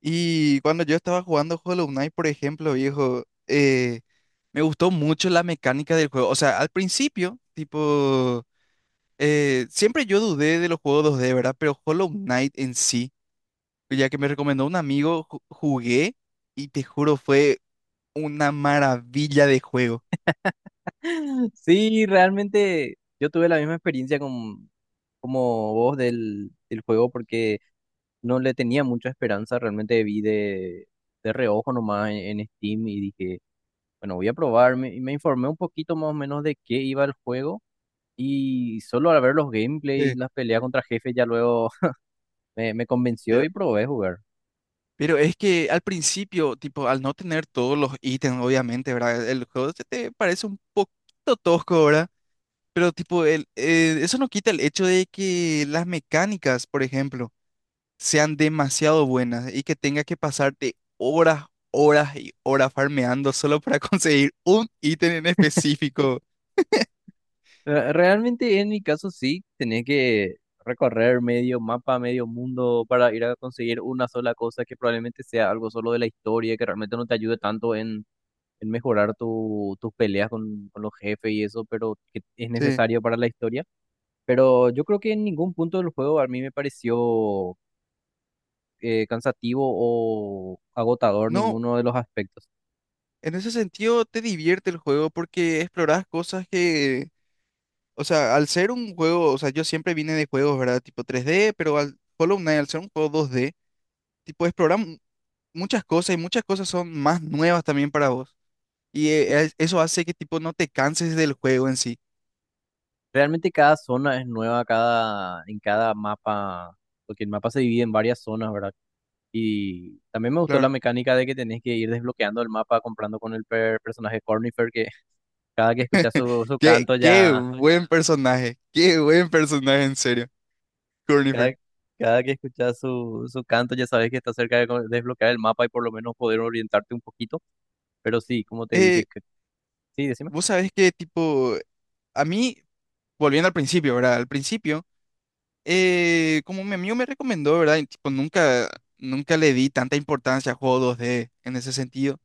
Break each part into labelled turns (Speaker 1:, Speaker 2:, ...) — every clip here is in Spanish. Speaker 1: Y cuando yo estaba jugando Hollow Knight, por ejemplo, viejo, me gustó mucho la mecánica del juego. O sea, al principio, tipo, siempre yo dudé de los juegos dos d, ¿verdad? Pero Hollow Knight en sí, ya que me recomendó un amigo, jugué y te juro, fue una maravilla de juego.
Speaker 2: Sí, realmente yo tuve la misma experiencia con, como vos del juego, porque no le tenía mucha esperanza. Realmente vi de reojo nomás en Steam y dije, bueno, voy a probar, y me informé un poquito más o menos de qué iba el juego, y solo al ver los
Speaker 1: Sí.
Speaker 2: gameplays, las peleas contra jefes ya luego me convenció
Speaker 1: Pero,
Speaker 2: y probé jugar.
Speaker 1: pero es que al principio, tipo, al no tener todos los ítems, obviamente, ¿verdad? El juego se te parece un poquito tosco, ¿verdad? Pero tipo, eso no quita el hecho de que las mecánicas, por ejemplo, sean demasiado buenas y que tenga que pasarte horas, horas y horas farmeando solo para conseguir un ítem en específico.
Speaker 2: Realmente en mi caso sí, tenés que recorrer medio mapa, medio mundo para ir a conseguir una sola cosa que probablemente sea algo solo de la historia, que realmente no te ayude tanto en mejorar tu, tus peleas con los jefes y eso, pero que es
Speaker 1: Sí.
Speaker 2: necesario para la historia. Pero yo creo que en ningún punto del juego a mí me pareció cansativo o agotador
Speaker 1: No,
Speaker 2: ninguno de los aspectos.
Speaker 1: en ese sentido te divierte el juego porque exploras cosas que, o sea, al ser un juego, o sea, yo siempre vine de juegos, ¿verdad? Tipo tres d, pero al Hollow Knight, al ser un juego dos d, tipo, explorar muchas cosas y muchas cosas son más nuevas también para vos. Y eso hace que, tipo, no te canses del juego en sí,
Speaker 2: Realmente cada zona es nueva, cada, en cada mapa, porque el mapa se divide en varias zonas, ¿verdad? Y también me gustó la
Speaker 1: claro.
Speaker 2: mecánica de que tenés que ir desbloqueando el mapa comprando con el personaje Cornifer, que cada que escuchas su, su
Speaker 1: Qué,
Speaker 2: canto ya,
Speaker 1: qué buen personaje, en serio,
Speaker 2: cada,
Speaker 1: Cornifer.
Speaker 2: cada que escuchas su, su canto ya sabes que está cerca de desbloquear el mapa y por lo menos poder orientarte un poquito. Pero sí, como te dije,
Speaker 1: Eh,
Speaker 2: sí, decime.
Speaker 1: vos sabés que, tipo, a mí, volviendo al principio, ¿verdad? Al principio, como mi amigo me recomendó, ¿verdad? Y, tipo, nunca, nunca le di tanta importancia a juegos dos d en ese sentido.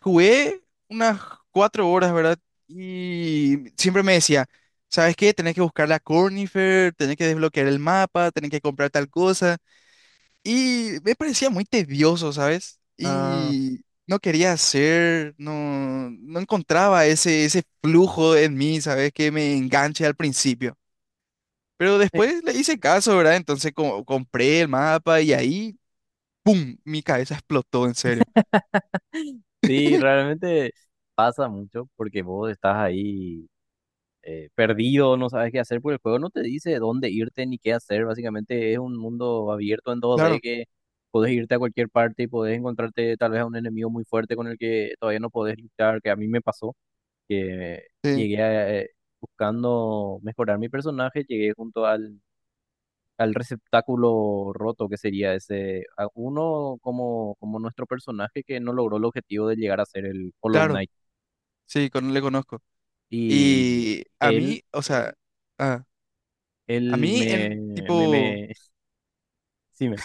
Speaker 1: Jugué unas cuatro horas, ¿verdad? Y siempre me decía, ¿sabes qué? Tenés que buscar la Cornifer, tenés que desbloquear el mapa, tenés que comprar tal cosa. Y me parecía muy tedioso, ¿sabes?
Speaker 2: Ah,
Speaker 1: Y no quería hacer, no, no encontraba ese, ese flujo en mí, ¿sabes? Que me enganche al principio. Pero
Speaker 2: eh,
Speaker 1: después le hice caso, ¿verdad? Entonces compré el mapa y ahí, ¡pum! Mi cabeza explotó, en serio.
Speaker 2: sí, realmente pasa mucho porque vos estás ahí. Perdido, no sabes qué hacer, porque el juego no te dice dónde irte ni qué hacer. Básicamente es un mundo abierto en 2D
Speaker 1: Claro,
Speaker 2: que podés irte a cualquier parte y podés encontrarte tal vez a un enemigo muy fuerte con el que todavía no podés luchar, que a mí me pasó, que
Speaker 1: sí,
Speaker 2: llegué a, buscando mejorar mi personaje, llegué junto al, al receptáculo roto, que sería ese, a uno como, como nuestro personaje que no logró el objetivo de llegar a ser el Hollow
Speaker 1: claro,
Speaker 2: Knight.
Speaker 1: sí, le conozco.
Speaker 2: Y
Speaker 1: Y a
Speaker 2: él,
Speaker 1: mí, o sea, ah, a
Speaker 2: él
Speaker 1: mí en
Speaker 2: me, me,
Speaker 1: tipo,
Speaker 2: me decime.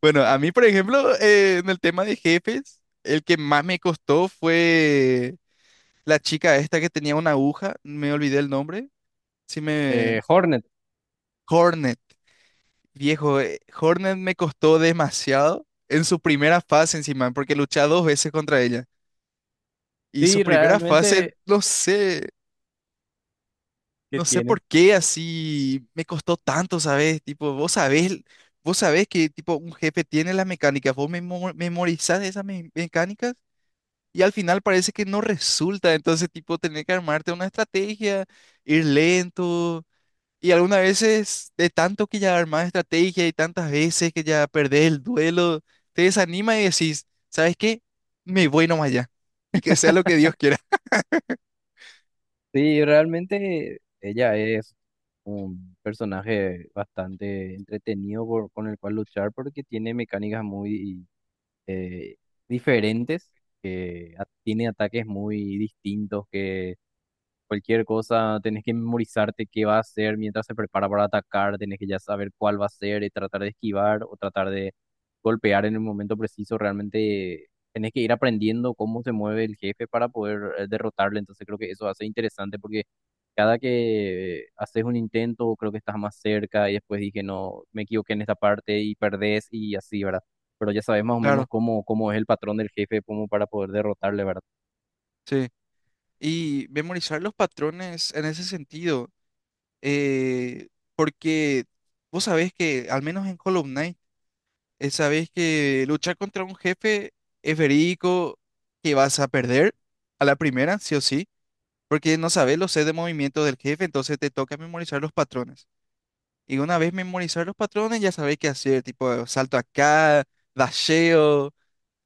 Speaker 1: bueno, a mí, por ejemplo, en el tema de jefes, el que más me costó fue la chica esta que tenía una aguja, me olvidé el nombre, sí me...
Speaker 2: Hornet,
Speaker 1: Hornet, viejo, Hornet me costó demasiado en su primera fase encima, porque luché dos veces contra ella. Y
Speaker 2: sí,
Speaker 1: su primera fase,
Speaker 2: realmente,
Speaker 1: no sé,
Speaker 2: ¿qué
Speaker 1: no sé
Speaker 2: tiene?
Speaker 1: por qué así me costó tanto, ¿sabes? Tipo, vos sabés que tipo un jefe tiene las mecánicas, vos memorizás esas mecánicas y al final parece que no resulta, entonces tipo tener que armarte una estrategia, ir lento y algunas veces de tanto que ya armás estrategia y tantas veces que ya perdés el duelo, te desanima y decís, ¿sabes qué? Me voy nomás ya y que sea lo que Dios quiera.
Speaker 2: Sí, realmente ella es un personaje bastante entretenido con el cual luchar, porque tiene mecánicas muy eh, diferentes, que tiene ataques muy distintos que cualquier cosa. Tenés que memorizarte qué va a hacer mientras se prepara para atacar, tenés que ya saber cuál va a ser y tratar de esquivar o tratar de golpear en el momento preciso. Realmente tenés que ir aprendiendo cómo se mueve el jefe para poder derrotarle. Entonces creo que eso hace interesante, porque cada que haces un intento creo que estás más cerca, y después dije, no, me equivoqué en esta parte, y perdés, y así, ¿verdad? Pero ya sabes más o menos
Speaker 1: Claro,
Speaker 2: cómo, cómo es el patrón del jefe, como para poder derrotarle, ¿verdad?
Speaker 1: sí. Y memorizar los patrones en ese sentido. eh, Porque vos sabés que, al menos en Hollow Knight, sabés que luchar contra un jefe es verídico que vas a perder a la primera, sí o sí, porque no sabés los sets de movimiento del jefe, entonces te toca memorizar los patrones. Y una vez memorizar los patrones, ya sabés qué hacer, tipo salto acá, dasheo,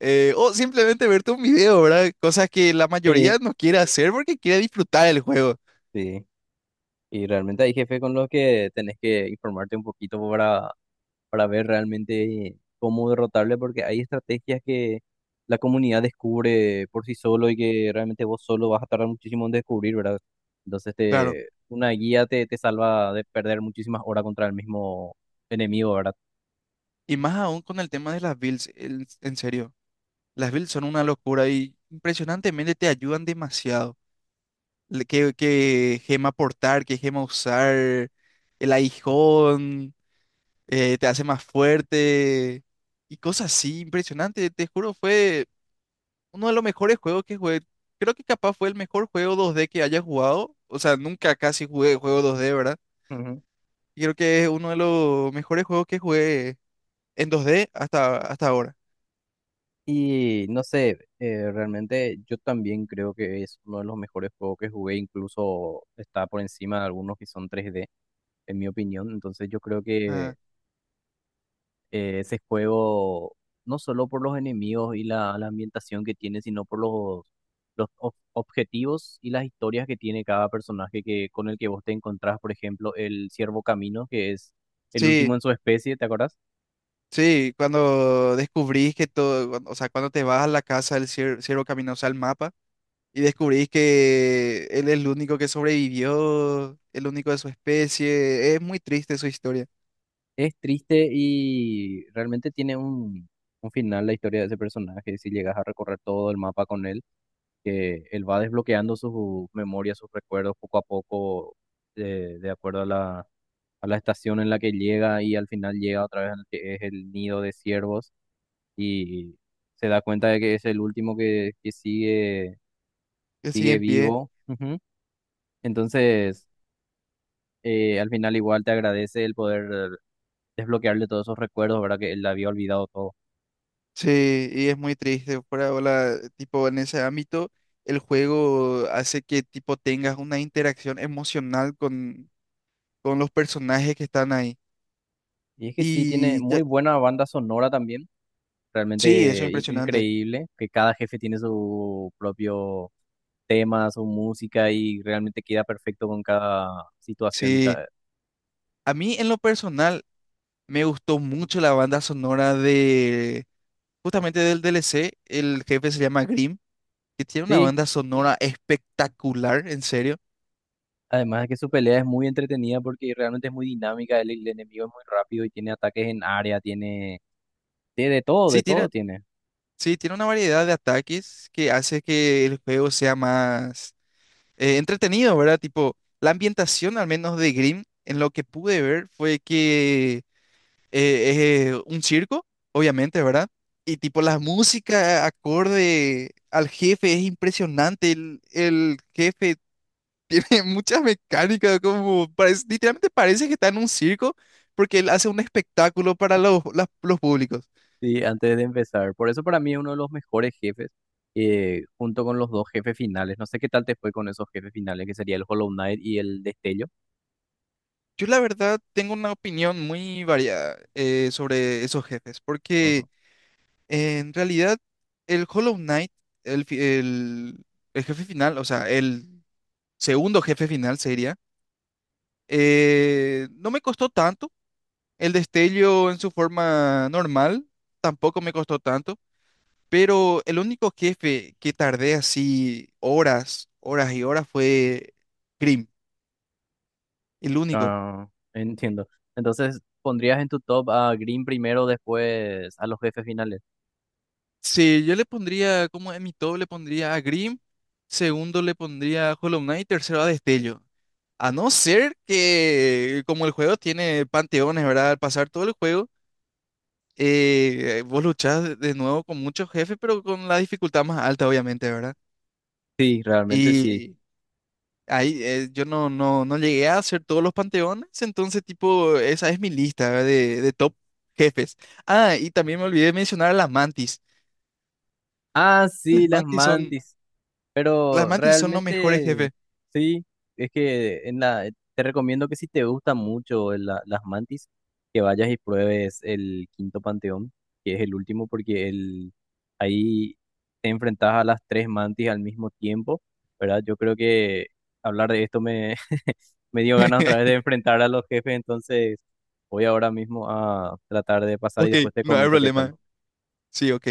Speaker 1: o simplemente verte un video, ¿verdad? Cosas que la mayoría
Speaker 2: Sí.
Speaker 1: no quiere hacer porque quiere disfrutar el juego,
Speaker 2: Sí. Y realmente hay jefes con los que tenés que informarte un poquito para ver realmente cómo derrotarle, porque hay estrategias que la comunidad descubre por sí solo y que realmente vos solo vas a tardar muchísimo en descubrir, ¿verdad? Entonces
Speaker 1: claro.
Speaker 2: te, una guía te, te salva de perder muchísimas horas contra el mismo enemigo, ¿verdad?
Speaker 1: Y más aún con el tema de las builds, en serio. Las builds son una locura y impresionantemente te ayudan demasiado. ¿Qué, qué gema portar, qué gema usar, el aguijón, te hace más fuerte y cosas así, impresionante. Te juro, fue uno de los mejores juegos que jugué. Creo que capaz fue el mejor juego 2D que haya jugado. O sea, nunca casi jugué juego 2D, ¿verdad?
Speaker 2: Ujú.
Speaker 1: Y creo que es uno de los mejores juegos que jugué en 2D hasta, hasta ahora.
Speaker 2: Y no sé, realmente yo también creo que es uno de los mejores juegos que jugué, incluso está por encima de algunos que son tres d en mi opinión. Entonces yo creo que
Speaker 1: Ah,
Speaker 2: ese juego, no solo por los enemigos y la ambientación que tiene, sino por los objetivos y las historias que tiene cada personaje que, con el que vos te encontrás, por ejemplo, el Ciervo Camino, que es el
Speaker 1: sí.
Speaker 2: último en su especie, ¿te acordás?
Speaker 1: Sí, cuando descubrís que todo, cuando, o sea, cuando te vas a la casa del ciervo caminoso al mapa y descubrís que él es el único que sobrevivió, el único de su especie, es muy triste su historia,
Speaker 2: Es triste, y realmente tiene un final la historia de ese personaje, si llegas a recorrer todo el mapa con él. Que él va desbloqueando sus memorias, sus recuerdos poco a poco, de acuerdo a la estación en la que llega, y al final llega otra vez al que es el nido de ciervos y se da cuenta de que es el último que sigue,
Speaker 1: que sigue
Speaker 2: sigue
Speaker 1: en pie,
Speaker 2: vivo. Ujú. Entonces, al final igual te agradece el poder desbloquearle todos esos recuerdos, ¿verdad? Que él había olvidado todo.
Speaker 1: sí, y es muy triste, por ahora, tipo, en ese ámbito, el juego hace que, tipo, tengas una interacción emocional con los personajes que están ahí,
Speaker 2: Y es que sí, tiene
Speaker 1: y ya-
Speaker 2: muy buena banda sonora también,
Speaker 1: sí, eso es. Sí,
Speaker 2: realmente
Speaker 1: impresionante,
Speaker 2: increíble, que cada jefe tiene su propio temas o música, y realmente queda perfecto con cada situación y
Speaker 1: sí.
Speaker 2: cada...
Speaker 1: A mí en lo personal, me gustó mucho la banda sonora de justamente del DLC. El jefe se llama Grimm, que tiene una
Speaker 2: Sí,
Speaker 1: banda sonora espectacular, en serio.
Speaker 2: además de que su pelea es muy entretenida porque realmente es muy dinámica, el enemigo es muy rápido y tiene ataques en área, tiene... tiene
Speaker 1: Sí,
Speaker 2: de todo
Speaker 1: tiene,
Speaker 2: tiene.
Speaker 1: sí, tiene una variedad de ataques que hace que el juego sea más entretenido, ¿verdad? Tipo, la ambientación, al menos de Grimm, en lo que pude ver, fue que es un circo, obviamente, ¿verdad? Y tipo, la música acorde al jefe es impresionante. El jefe tiene muchas mecánicas, como parece, literalmente parece que está en un circo porque él hace un espectáculo para los, los públicos.
Speaker 2: Sí, antes de empezar. Por eso para mí es uno de los mejores jefes, junto con los dos jefes finales. No sé qué tal te fue con esos jefes finales, que sería el Hollow Knight y el Destello.
Speaker 1: Yo la verdad tengo una opinión muy variada sobre esos jefes, porque
Speaker 2: Ujú.
Speaker 1: en realidad el Hollow Knight, el, fi- el, el jefe final, o sea, el segundo jefe final sería, no me costó tanto. El destello en su forma normal tampoco me costó tanto. Pero el único jefe que tardé así horas, horas y horas fue Grimm, el único.
Speaker 2: Ah, entiendo. Entonces, ¿pondrías en tu top a Green primero, después a los jefes finales?
Speaker 1: Sí, yo le pondría, como en mi top le pondría a Grimm, segundo le pondría a Hollow Knight, tercero a Destello. A no ser que, como el juego tiene panteones, ¿verdad? Al pasar todo el juego, vos luchás de nuevo con muchos jefes, pero con la dificultad más alta, obviamente, ¿verdad?
Speaker 2: Sí, realmente sí.
Speaker 1: Y ahí, yo no, no, no llegué a hacer todos los panteones, entonces tipo, esa es mi lista de top jefes. Ah, y también me olvidé mencionar a las mantis.
Speaker 2: Ah,
Speaker 1: Las
Speaker 2: sí, las
Speaker 1: mantis son,
Speaker 2: mantis.
Speaker 1: las
Speaker 2: Pero
Speaker 1: mantis son los mejores
Speaker 2: realmente,
Speaker 1: jefes.
Speaker 2: sí, es que en la, te recomiendo que si te gustan mucho las mantis, que vayas y pruebes el quinto panteón, que es el último, porque el, ahí te enfrentas a las tres mantis al mismo tiempo, ¿verdad? Yo creo que hablar de esto me, me dio ganas otra vez de enfrentar a los jefes, entonces voy ahora mismo a tratar de pasar y
Speaker 1: Ok,
Speaker 2: después te
Speaker 1: no hay
Speaker 2: comento qué
Speaker 1: problema.
Speaker 2: tal.
Speaker 1: Sí, ok.